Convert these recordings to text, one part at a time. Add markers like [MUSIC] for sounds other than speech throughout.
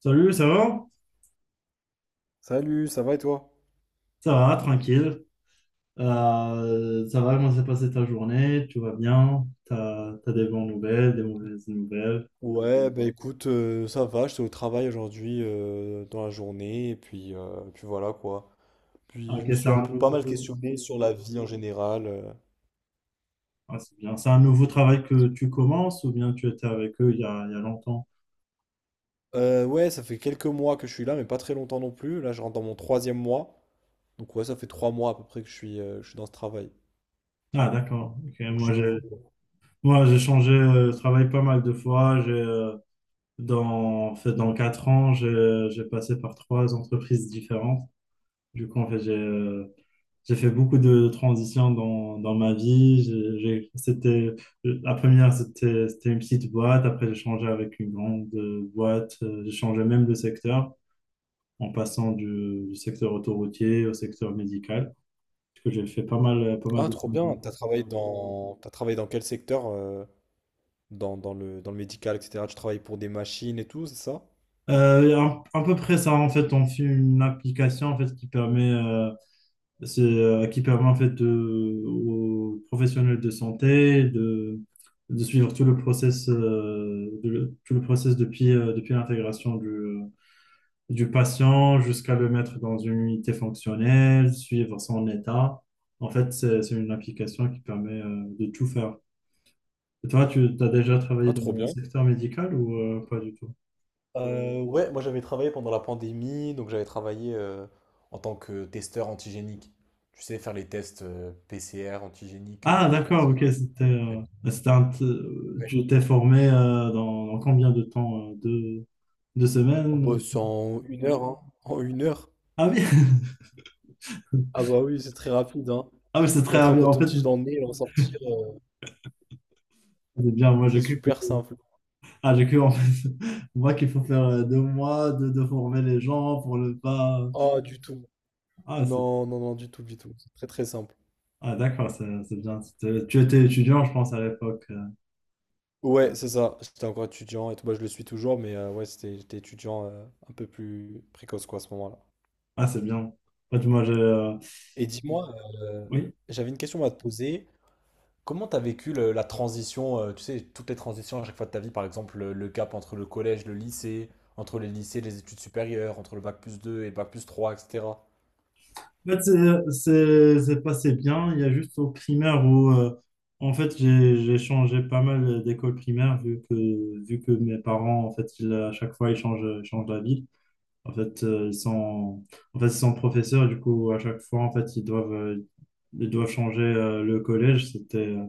Salut, ça va? Salut, ça va et toi? Ça va, tranquille. Ça va, comment s'est passée ta journée? Tout va bien? T'as des bonnes nouvelles, des mauvaises nouvelles? Ouais, bah écoute, ça va, j'étais au travail aujourd'hui dans la journée, et puis, puis voilà quoi. Ah, Puis ok, je me c'est suis un un peu pas mal questionné sur la vie en général. C'est bien. C'est un nouveau travail que tu commences ou bien tu étais avec eux il y a longtemps? Ouais, ça fait quelques mois que je suis là, mais pas très longtemps non plus. Là, je rentre dans mon troisième mois. Donc ouais, ça fait trois mois à peu près que je suis dans ce travail. Ah, d'accord. Ok, Donc je suis nouveau, quoi. J'ai changé de travail pas mal de fois. En fait, dans quatre ans, j'ai passé par trois entreprises différentes. Du coup, en fait, j'ai fait beaucoup de transitions dans ma vie. La première, c'était une petite boîte. Après, j'ai changé avec une grande boîte. J'ai changé même de secteur en passant du secteur autoroutier au secteur médical. Parce que j'ai fait pas mal Ah, de trop bien. changements. T'as travaillé dans quel secteur? Dans le médical, etc. Tu travailles pour des machines et tout, c'est ça? À peu près ça, en fait, on fait une application en fait, qui permet qui permet en fait aux professionnels de santé, de suivre tout le process, tout le process depuis l'intégration du patient jusqu'à le mettre dans une unité fonctionnelle, suivre son état. En fait, c'est une application qui permet, de tout faire. Et toi, tu as déjà Ah, travaillé dans trop le bien. secteur médical ou, pas du tout? Ouais, moi j'avais travaillé pendant la pandémie, donc j'avais travaillé en tant que testeur antigénique. Tu sais, faire les tests PCR antigéniques Ah, pour les d'accord, ok, personnes. J'avais- Ouais. tu t'es formé dans combien de temps? Deux En semaines? bosse en une heure, hein. En une heure. Ah oui, Ah [LAUGHS] bah oui, c'est très rapide, hein. ah oui, c'est très Mettre un rapide. En fait, coton-tige dans le nez et le ressortir, c'est bien, moi j'ai c'est cru que, super simple. ah, j'ai cru en fait, [LAUGHS] moi qu'il faut faire deux mois de former les gens pour ne pas... Ah, du tout. Ah, c'est, Non, non, non, du tout, du tout. C'est très très simple. ah d'accord, c'est bien. Tu étais étudiant, je pense, à l'époque. Ouais, c'est ça. J'étais encore étudiant et tout. Bah, je le suis toujours, mais ouais, j'étais étudiant un peu plus précoce quoi à ce moment-là. Ah, c'est bien. En fait, moi, j'ai... Et dis-moi, euh, Oui, j'avais une question à te poser. Comment tu as vécu la transition, tu sais, toutes les transitions à chaque fois de ta vie, par exemple le cap entre le collège, le lycée, entre les lycées, les études supérieures, entre le bac plus 2 et bac plus 3, etc. En fait, c'est passé bien. Il y a juste au primaire où en fait, j'ai changé pas mal d'école primaire vu que mes parents, en fait, à chaque fois, ils changent la ville. En fait, euh, ils sont, en fait, ils sont professeurs. Du coup, à chaque fois, en fait, ils doivent changer, le collège.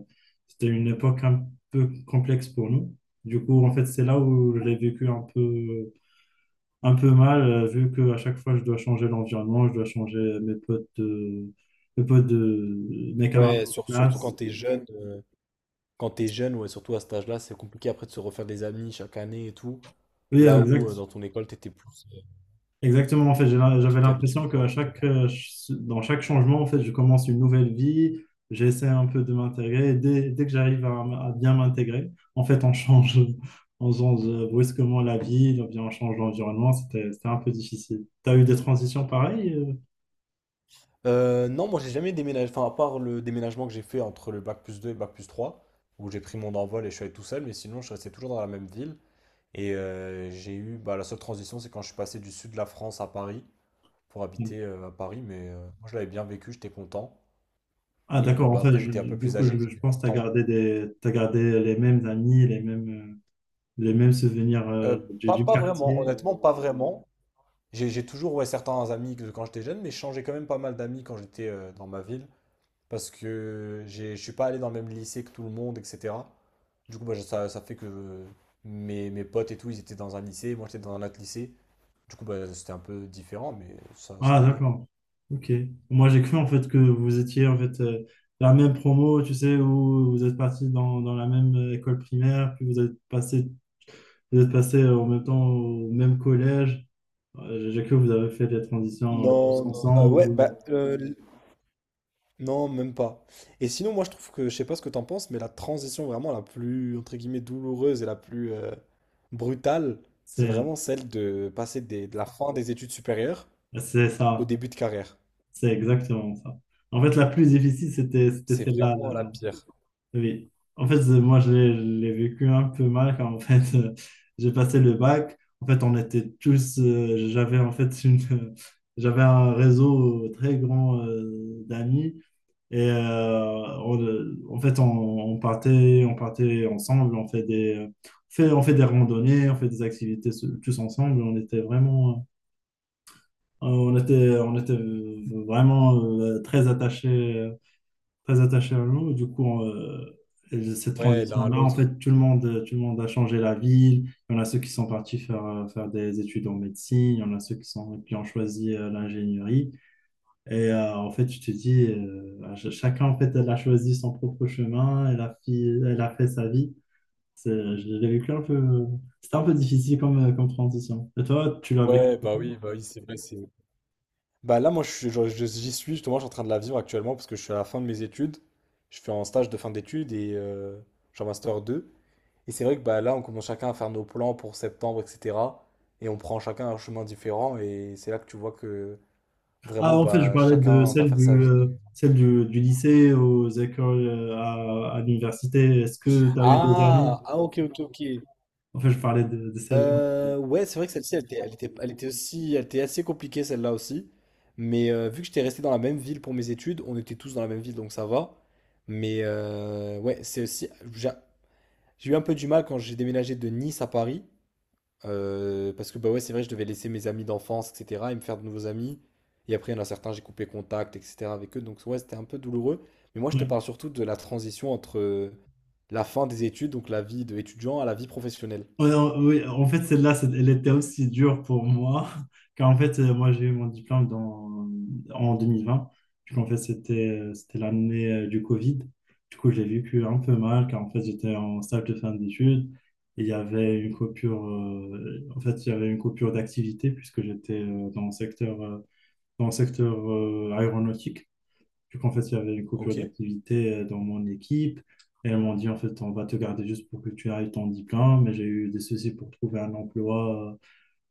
C'était une époque un peu complexe pour nous. Du coup, en fait, c'est là où je l'ai vécu un peu mal, vu que à chaque fois, je dois changer l'environnement, je dois changer mes camarades Ouais, de surtout classe. Quand t'es jeune, ouais, surtout à cet âge-là, c'est compliqué après de se refaire des amis chaque année et tout. Oui, Là où dans ton école, t'étais plus, exactement. En fait, j'avais t'étais habitué, l'impression que quoi. à chaque, dans chaque changement, en fait, je commence une nouvelle vie. J'essaie un peu de m'intégrer. Et dès que j'arrive à, à bien m'intégrer, en fait, on change, [LAUGHS] on change brusquement la vie, on change l'environnement. C'était un peu difficile. T'as eu des transitions pareilles? Non, moi j'ai jamais déménagé, enfin à part le déménagement que j'ai fait entre le bac plus 2 et le bac plus 3, où j'ai pris mon envol et je suis allé tout seul, mais sinon je restais toujours dans la même ville. Et j'ai eu, bah, la seule transition, c'est quand je suis passé du sud de la France à Paris pour habiter à Paris, mais moi je l'avais bien vécu, j'étais content. Ah Et d'accord, en bah, fait, après je, j'étais un peu du plus coup, âgé, je j'avais pense que tu as 20 ans. gardé des, t'as gardé les mêmes amis, les mêmes souvenirs Euh, Pas, du pas vraiment, quartier. honnêtement, pas vraiment. J'ai toujours ouais, certains amis que quand j'étais jeune, mais je changeais quand même pas mal d'amis quand j'étais dans ma ville. Parce que je suis pas allé dans le même lycée que tout le monde, etc. Du coup, bah, ça fait que mes potes et tout, ils étaient dans un lycée, moi j'étais dans un autre lycée. Du coup, bah, c'était un peu différent, mais ça Ah allait. d'accord, ok. Moi, j'ai cru en fait que vous étiez en fait la même promo, tu sais, où vous êtes partis dans la même école primaire, puis vous êtes passé en même temps au même collège. J'ai cru que vous avez fait des transitions tous Non, non, ouais, ensemble. Non, même pas. Et sinon, moi, je trouve que, je sais pas ce que t'en penses, mais la transition vraiment la plus, entre guillemets, douloureuse et la plus brutale, c'est C'est vraiment celle de passer de la fin des études supérieures c'est au ça. début de carrière. C'est exactement ça. En fait, la plus difficile, c'était C'est celle-là. vraiment la Là. pire. Oui. En fait, je l'ai vécu un peu mal quand en fait, [LAUGHS] j'ai passé le bac. En fait, on était tous. J'avais en fait [LAUGHS] j'avais un réseau très grand d'amis. En fait, on partait ensemble. On fait des randonnées, on fait des activités tous ensemble. On était vraiment très attachée à l'eau. Et cette Ouais, l'un à transition-là, en l'autre. fait, tout le monde a changé la ville. Il y en a ceux qui sont partis faire des études en médecine. Il y en a ceux qui qui ont choisi l'ingénierie. En fait, je te dis, chacun, en fait, elle a choisi son propre chemin. Elle a fait sa vie. C'est- Je l'ai vécu un peu... C'était un peu difficile comme, comme transition. Et toi, tu l'as vécu? Ouais, bah oui, c'est vrai, c'est... Bah là, moi, je suis- je- j'y suis, justement, je suis en train de la vivre actuellement parce que je suis à la fin de mes études. Je fais un stage de fin d'études et je suis en master deux. Et c'est vrai que bah, là, on commence chacun à faire nos plans pour septembre, etc. Et on prend chacun un chemin différent et c'est là que tu vois que vraiment, Ah, en fait, je bah, parlais de chacun va faire sa vie. celle du lycée aux écoles, à l'université. Est-ce que tu as eu des amis? Ah, ah, ok, ok, ok. En fait, je parlais de celle-là. Ouais, c'est vrai que celle-ci, elle était assez compliquée celle-là aussi. Mais vu que j'étais resté dans la même ville pour mes études, on était tous dans la même ville, donc ça va. Mais ouais, j'ai eu un peu du mal quand j'ai déménagé de Nice à Paris, parce que bah ouais, c'est vrai, je devais laisser mes amis d'enfance, etc., et me faire de nouveaux amis. Et après, il y en a certains, j'ai coupé contact, etc. avec eux, donc ouais, c'était un peu douloureux. Mais moi, je te Ouais. parle surtout de la transition entre la fin des études, donc la vie d'étudiant, à la vie professionnelle. Oui, en fait, elle était aussi dure pour moi, [LAUGHS] car en fait, j'ai eu mon diplôme en 2020. Du coup, en fait, c'était l'année du Covid. Du coup, j'ai vécu un peu mal, car en fait, j'étais en stage de fin d'études. Et il y avait une en fait, il y avait une coupure d'activité, puisque j'étais dans le secteur aéronautique. Vu qu'en fait, il y avait une coupure Ok? d'activité dans mon équipe. Et elles m'ont dit, en fait, on va te garder juste pour que tu ailles ton diplôme. Mais j'ai eu des soucis pour trouver un emploi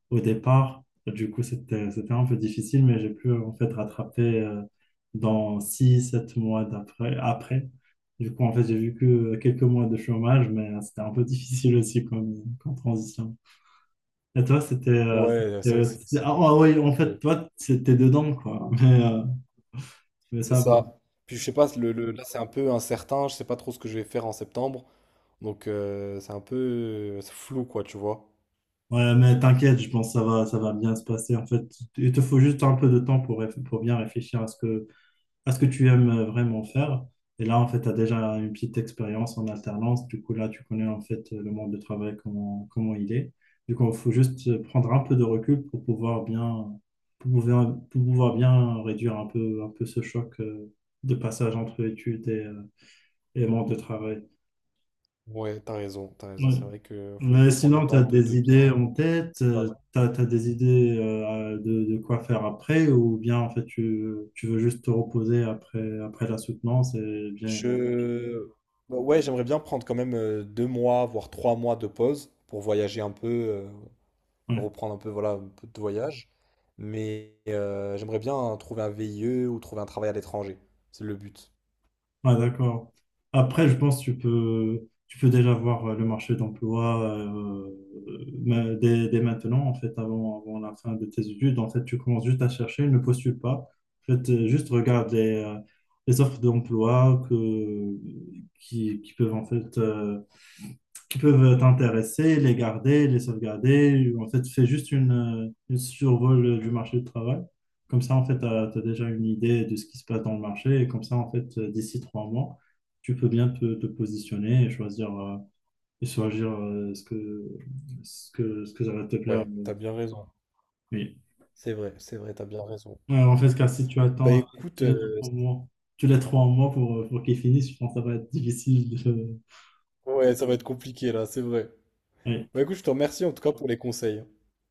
au départ. Du coup, c'était un peu difficile, mais j'ai pu, en fait, rattraper dans six sept mois après. Du coup, en fait, j'ai vu que quelques mois de chômage, mais c'était un peu [LAUGHS] difficile aussi comme, comme transition. Et toi, Ouais, c'est vrai que c'est c'est ouais, en fait, ouais, toi, c'était dedans, quoi. Mais c'est ça va. ça. Puis je sais pas, là c'est un peu incertain, je sais pas trop ce que je vais faire en septembre. Donc c'est un peu c'est flou quoi, tu vois. Ouais, mais t'inquiète, je pense que ça va bien se passer. En fait, il te faut juste un peu de temps pour, pour bien réfléchir à ce que tu aimes vraiment faire. Et là, en fait, tu as déjà une petite expérience en alternance. Du coup, là, tu connais en fait le monde de travail, comment il est. Du coup, il faut juste prendre un peu de recul pour pouvoir bien, pour pouvoir bien réduire un peu ce choc de passage entre études et monde de travail. Ouais, t'as raison, t'as raison. Ouais. C'est vrai que faut Mais juste prendre le sinon, tu temps as des de bien. idées en tête, Ouais. Des idées de quoi faire après, ou bien en fait tu veux juste te reposer après la soutenance et bien. Ouais, Je Bah ouais, j'aimerais bien prendre quand même deux mois, voire trois mois de pause pour voyager un peu, ouais, reprendre un peu, voilà, un peu de voyage. Mais j'aimerais bien trouver un VIE ou trouver un travail à l'étranger. C'est le but. ah, d'accord. Après, je pense que tu peux déjà voir le marché d'emploi mais dès maintenant, en fait, avant la fin de tes études. En fait, tu commences juste à chercher, ne postule pas. En fait, juste regarde les offres d'emploi que, qui peuvent en fait, qui peuvent t'intéresser, les garder, les sauvegarder. En fait, fais juste une survol du marché du travail. Comme ça, en fait, tu as, déjà une idée de ce qui se passe dans le marché. Et comme ça, en fait, d'ici trois mois, tu peux bien te positionner et choisir, ce que, ce que ça va te plaire. Ouais, t'as bien raison. Oui. C'est vrai, t'as bien raison. Ouais, en fait, car si tu Bah attends écoute, tous les trois mois, tu les trois mois pour qu'ils finissent, je pense que ça va être difficile de... ouais, ça va être compliqué là, c'est vrai. ouais. Bah écoute, je te remercie en tout cas pour les conseils.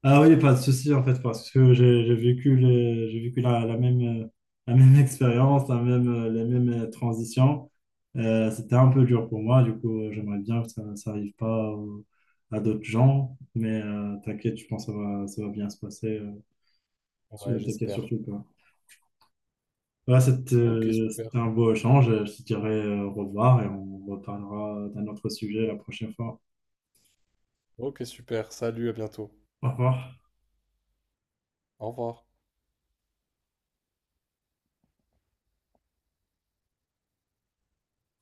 Ah oui, pas de souci en fait, parce que j'ai vécu la même [LAUGHS] expérience, les mêmes transitions. C'était un peu dur pour moi, du coup, j'aimerais bien que ça arrive pas à d'autres gens, mais t'inquiète, je pense que ça va bien se passer. Ouais, T'inquiète j'espère. surtout pas. Voilà, Ok, super. c'était un beau échange. Je te dirai au revoir et on reparlera d'un autre sujet la prochaine fois. Ok, super. Salut, à bientôt. Au revoir. Au revoir.